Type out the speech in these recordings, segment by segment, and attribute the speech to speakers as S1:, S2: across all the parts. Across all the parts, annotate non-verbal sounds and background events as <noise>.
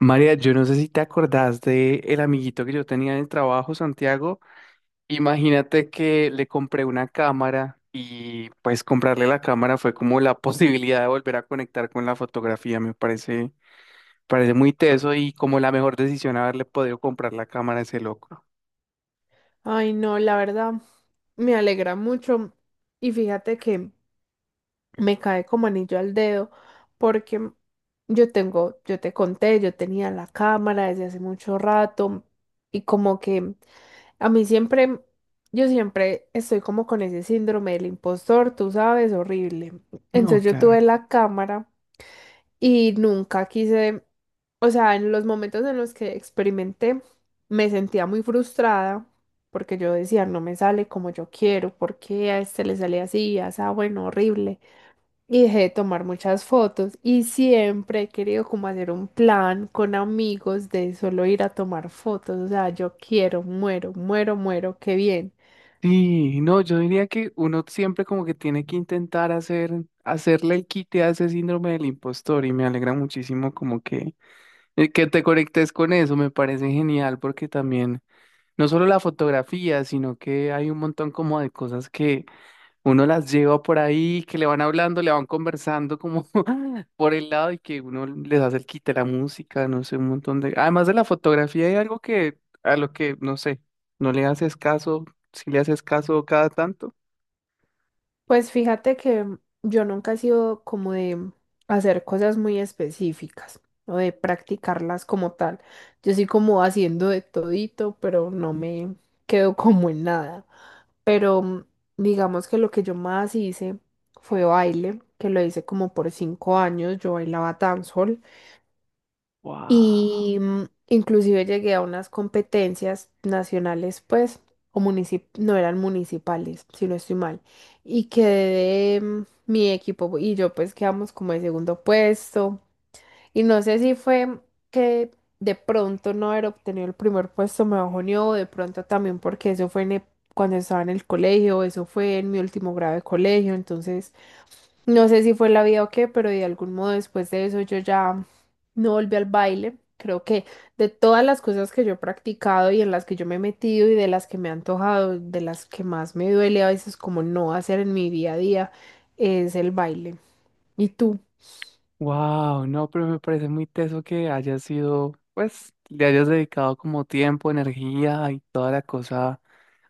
S1: María, yo no sé si te acordás de el amiguito que yo tenía en el trabajo, Santiago. Imagínate que le compré una cámara y pues comprarle la cámara fue como la <laughs> posibilidad de volver a conectar con la fotografía. Parece muy teso y como la mejor decisión haberle podido comprar la cámara a ese loco.
S2: Ay, no, la verdad, me alegra mucho y fíjate que me cae como anillo al dedo porque yo tengo, yo te conté, yo tenía la cámara desde hace mucho rato y como que a mí siempre, yo siempre estoy como con ese síndrome del impostor, tú sabes, horrible.
S1: No,
S2: Entonces yo tuve
S1: claro.
S2: la cámara. Y nunca quise, o sea, en los momentos en los que experimenté, me sentía muy frustrada porque yo decía, no me sale como yo quiero, ¿porque a este le sale así? Así, bueno, horrible. Y dejé de tomar muchas fotos y siempre he querido como hacer un plan con amigos de solo ir a tomar fotos, o sea, yo quiero, muero, muero, muero, qué bien.
S1: Sí, no, yo diría que uno siempre como que tiene que intentar hacerle el quite a ese síndrome del impostor, y me alegra muchísimo como que que te conectes con eso. Me parece genial porque también no solo la fotografía, sino que hay un montón como de cosas que uno las lleva por ahí, que le van hablando, le van conversando como <laughs> por el lado y que uno les hace el quite, la música, no sé, un montón de... Además de la fotografía hay algo que a lo que, no sé, no le haces caso, si le haces caso cada tanto.
S2: Pues fíjate que yo nunca he sido como de hacer cosas muy específicas o de practicarlas como tal. Yo sí como haciendo de todito, pero no me quedo <laughs> como en nada. Pero digamos que lo que yo más hice fue baile, que lo hice como por 5 años. Yo bailaba dancehall.
S1: Wow.
S2: Y inclusive llegué a unas competencias nacionales, pues, o municip no eran municipales, si no estoy mal. Y quedé, mi equipo y yo, pues, quedamos como de segundo puesto. Y no sé si fue que de pronto no haber obtenido el primer puesto me bajoneó, o de pronto también porque eso fue cuando estaba en el colegio, eso fue en mi último grado de colegio, entonces... No sé si fue la vida o qué, pero de algún modo después de eso yo ya no volví al baile. Creo que de todas las cosas que yo he practicado y en las que yo me he metido y de las que me he antojado, de las que más me duele a veces como no hacer en mi día a día, es el baile. ¿Y tú?
S1: Wow, no, pero me parece muy teso que hayas sido, pues, le hayas dedicado como tiempo, energía y toda la cosa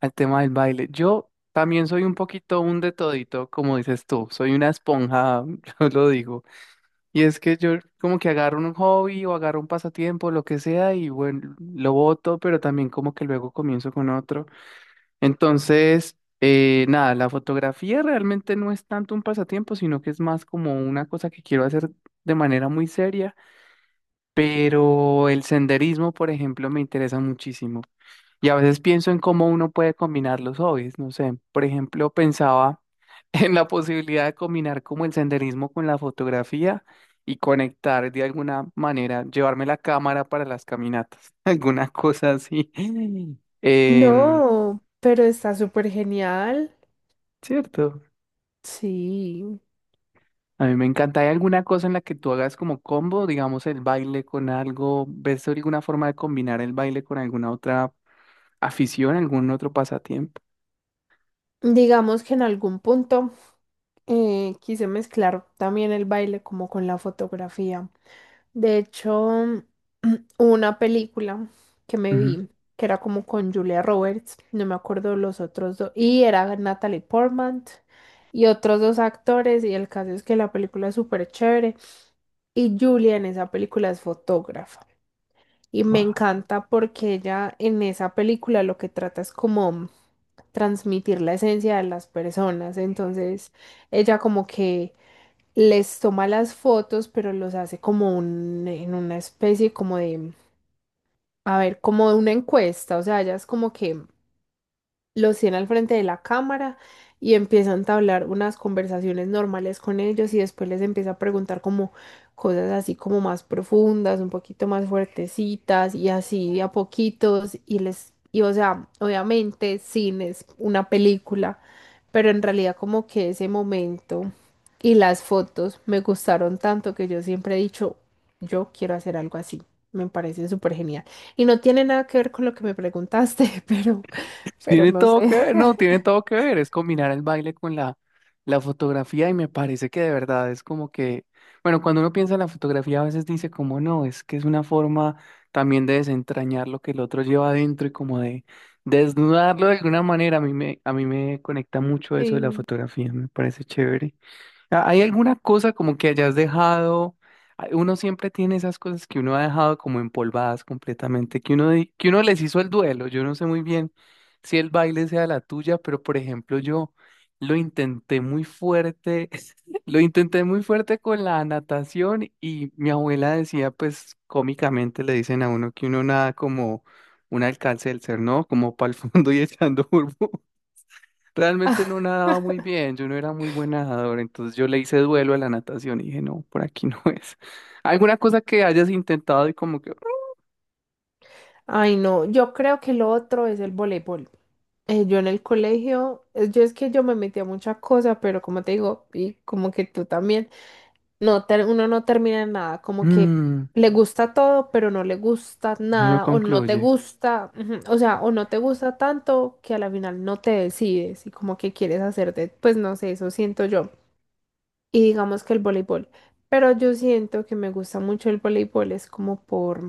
S1: al tema del baile. Yo también soy un poquito un de todito, como dices tú, soy una esponja, <laughs> yo lo digo. Y es que yo como que agarro un hobby o agarro un pasatiempo, lo que sea, y bueno, lo boto, pero también como que luego comienzo con otro. Entonces, nada, la fotografía realmente no es tanto un pasatiempo, sino que es más como una cosa que quiero hacer de manera muy seria, pero el senderismo, por ejemplo, me interesa muchísimo. Y a veces pienso en cómo uno puede combinar los hobbies, no sé, por ejemplo, pensaba <laughs> en la posibilidad de combinar como el senderismo con la fotografía y conectar de alguna manera, llevarme la cámara para las caminatas, <laughs> alguna cosa así. <laughs> Em,
S2: No, pero está súper genial.
S1: ¿cierto?
S2: Sí.
S1: A mí me encanta. ¿Hay alguna cosa en la que tú hagas como combo, digamos el baile con algo? ¿Ves alguna forma de combinar el baile con alguna otra afición, algún otro pasatiempo?
S2: Digamos que en algún punto quise mezclar también el baile como con la fotografía. De hecho, <clears throat> hubo una película que me
S1: Ujú.
S2: vi, que era como con Julia Roberts, no me acuerdo los otros dos, y era Natalie Portman y otros dos actores, y el caso es que la película es súper chévere, y Julia en esa película es fotógrafa, y me
S1: Wow.
S2: encanta porque ella en esa película lo que trata es como transmitir la esencia de las personas. Entonces, ella como que les toma las fotos, pero los hace como un, en una especie como de, a ver, como de una encuesta. O sea, ella es como que los tiene al frente de la cámara y empieza a entablar unas conversaciones normales con ellos y después les empieza a preguntar como cosas así como más profundas, un poquito más fuertecitas y así de a poquitos y les y o sea, obviamente cine es una película, pero en realidad como que ese momento y las fotos me gustaron tanto que yo siempre he dicho, yo quiero hacer algo así. Me parece súper genial. Y no tiene nada que ver con lo que me preguntaste, <laughs> pero
S1: Tiene
S2: no sé.
S1: todo que ver,
S2: <laughs>
S1: no, tiene todo que ver, es combinar el baile con la fotografía, y me parece que de verdad es como que, bueno, cuando uno piensa en la fotografía a veces dice como no, es que es una forma también de desentrañar lo que el otro lleva adentro y como de desnudarlo de alguna manera. A a mí me conecta mucho eso de la
S2: Sí.
S1: fotografía, me parece chévere. Ah, ¿hay alguna cosa como que hayas dejado? Ah, uno siempre tiene esas cosas que uno ha dejado como empolvadas completamente, que que uno les hizo el duelo. Yo no sé muy bien si el baile sea la tuya, pero por ejemplo yo lo intenté muy fuerte, <laughs> lo intenté muy fuerte con la natación, y mi abuela decía, pues cómicamente le dicen a uno que uno nada como un alcance del ser, ¿no? Como para el <laughs> fondo y echando burbu. Realmente
S2: Ah,
S1: no nadaba muy bien, yo no era muy buen nadador, entonces yo le hice duelo a la natación y dije, no, por aquí no es. <laughs> ¿Alguna cosa que hayas intentado y como que,
S2: ay, no, yo creo que lo otro es el voleibol. Yo en el colegio, yo es que yo me metí a muchas cosas, pero como te digo, y como que tú también, uno no termina en nada, como que
S1: mm,
S2: le gusta todo, pero no le gusta
S1: uno
S2: nada, o no te
S1: concluye?
S2: gusta, ujú, o sea, o no te gusta tanto que a la final no te decides y como que quieres hacerte, pues no sé, eso siento yo. Y digamos que el voleibol, pero yo siento que me gusta mucho el voleibol, es como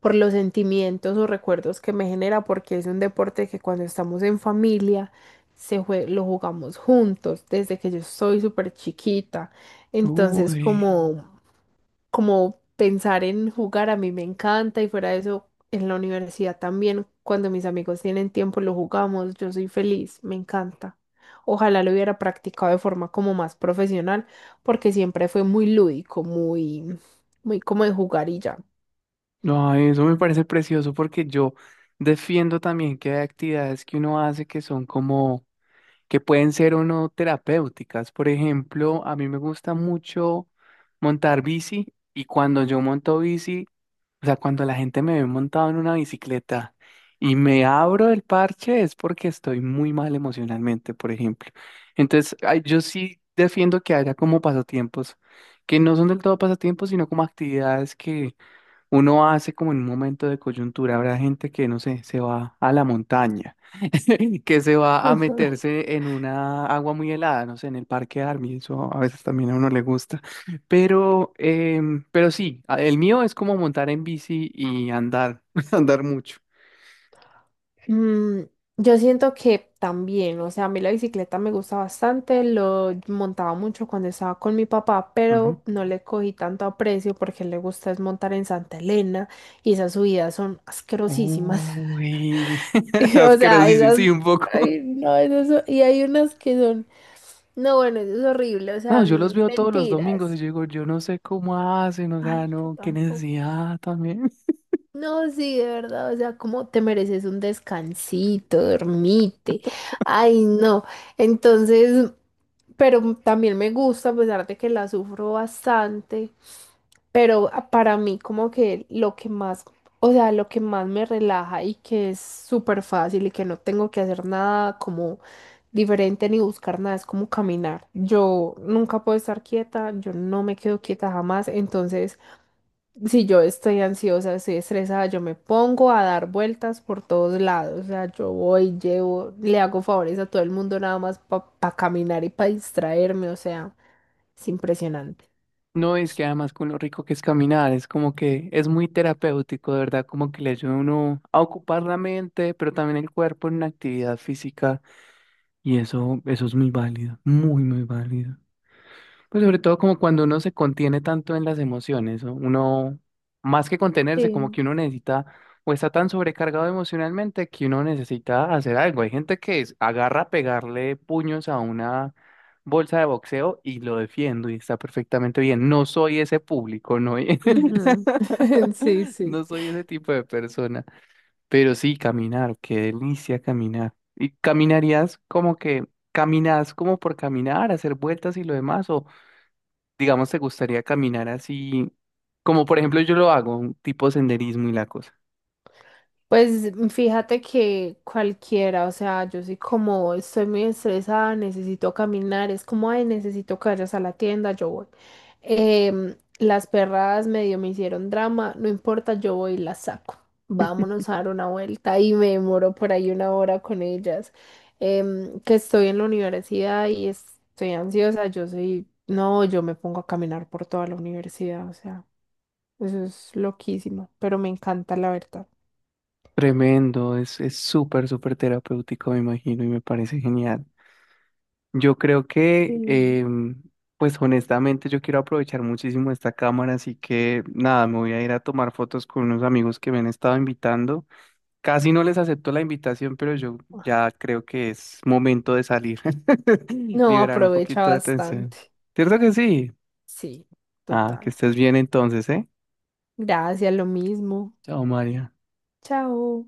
S2: por los sentimientos o recuerdos que me genera, porque es un deporte que cuando estamos en familia lo jugamos juntos desde que yo soy súper chiquita. Entonces,
S1: Uy,
S2: como, como pensar en jugar a mí me encanta y fuera de eso, en la universidad también, cuando mis amigos tienen tiempo lo jugamos, yo soy feliz, me encanta. Ojalá lo hubiera practicado de forma como más profesional, porque siempre fue muy lúdico, muy, muy como de jugar y ya.
S1: no, eso me parece precioso porque yo defiendo también que hay actividades que uno hace que son como, que pueden ser o no terapéuticas. Por ejemplo, a mí me gusta mucho montar bici, y cuando yo monto bici, o sea, cuando la gente me ve montado en una bicicleta y me abro el parche, es porque estoy muy mal emocionalmente, por ejemplo. Entonces, ay, yo sí defiendo que haya como pasatiempos, que no son del todo pasatiempos, sino como actividades que uno hace como en un momento de coyuntura. Habrá gente que, no sé, se va a la montaña, <laughs> que se va a
S2: <laughs>
S1: meterse en una agua muy helada, no sé, en el Parque Army, eso a veces también a uno le gusta. Pero, pero sí, a- el mío es como montar en bici y andar, <laughs> andar mucho.
S2: Mm, yo siento que también, o sea, a mí la bicicleta me gusta bastante, lo montaba mucho cuando estaba con mi papá,
S1: Ujú.
S2: pero no le cogí tanto aprecio porque le gusta es montar en Santa Elena y esas subidas son asquerosísimas. <laughs>
S1: Uy, <laughs>
S2: O sea,
S1: asquerosísimo,
S2: esas,
S1: sí, un poco.
S2: ay, no, esas, y hay unas que son, no, bueno, eso es horrible, o sea,
S1: No, yo los veo todos los domingos y
S2: mentiras.
S1: yo digo, yo no sé cómo hacen, o
S2: Ay,
S1: sea,
S2: yo
S1: no, qué
S2: tampoco.
S1: necesidad también.
S2: No, sí, de verdad, o sea, como te mereces un descansito, dormite. Ay, no. Entonces, pero también me gusta, a pesar de que la sufro bastante, pero para mí como que lo que más, o sea, lo que más me relaja y que es súper fácil y que no tengo que hacer nada como diferente ni buscar nada, es como caminar. Yo nunca puedo estar quieta, yo no me quedo quieta jamás, entonces... Si yo estoy ansiosa, estoy estresada, yo me pongo a dar vueltas por todos lados. O sea, yo voy, llevo, le hago favores a todo el mundo nada más para caminar y para distraerme. O sea, es impresionante.
S1: No, es que además con lo rico que es caminar, es como que es muy terapéutico, de verdad, como que le ayuda a uno a ocupar la mente, pero también el cuerpo en una actividad física, y eso es muy válido, muy, muy válido. Pues sobre todo como cuando uno se contiene tanto en las emociones, ¿no? Uno, más que contenerse, como
S2: Sí.
S1: que uno necesita, o está tan sobrecargado emocionalmente que uno necesita hacer algo. Hay gente que es- agarra a pegarle puños a una bolsa de boxeo y lo defiendo, y está perfectamente bien. No soy ese público, no,
S2: Ujú. <laughs> Sí,
S1: <laughs>
S2: sí.
S1: no soy ese tipo de persona. Pero sí, caminar, qué delicia caminar. ¿Y caminarías como que, caminás como por caminar, hacer vueltas y lo demás? Digamos, te gustaría caminar así, como por ejemplo yo lo hago, un tipo senderismo y la cosa.
S2: Pues fíjate que cualquiera, o sea, yo soy como, estoy muy estresada, necesito caminar, es como, ay, necesito que vayas a la tienda, yo voy. Las perradas medio me hicieron drama, no importa, yo voy y las saco. Vámonos a dar una vuelta y me demoro por ahí 1 hora con ellas. Que estoy en la universidad y estoy ansiosa, yo soy, no, yo me pongo a caminar por toda la universidad, o sea, eso es loquísimo, pero me encanta la verdad.
S1: Tremendo, es súper, súper terapéutico, me imagino, y me parece genial. Yo creo que,
S2: Sí.
S1: pues honestamente, yo quiero aprovechar muchísimo esta cámara, así que nada, me voy a ir a tomar fotos con unos amigos que me han estado invitando. Casi no les acepto la invitación, pero yo ya creo que es momento de salir, <laughs>
S2: No,
S1: liberar un
S2: aprovecha
S1: poquito de tensión.
S2: bastante.
S1: ¿Cierto que sí?
S2: Sí,
S1: Ah, que
S2: total.
S1: estés bien entonces, ¿eh?
S2: Gracias, lo mismo.
S1: Chao, María.
S2: Chao.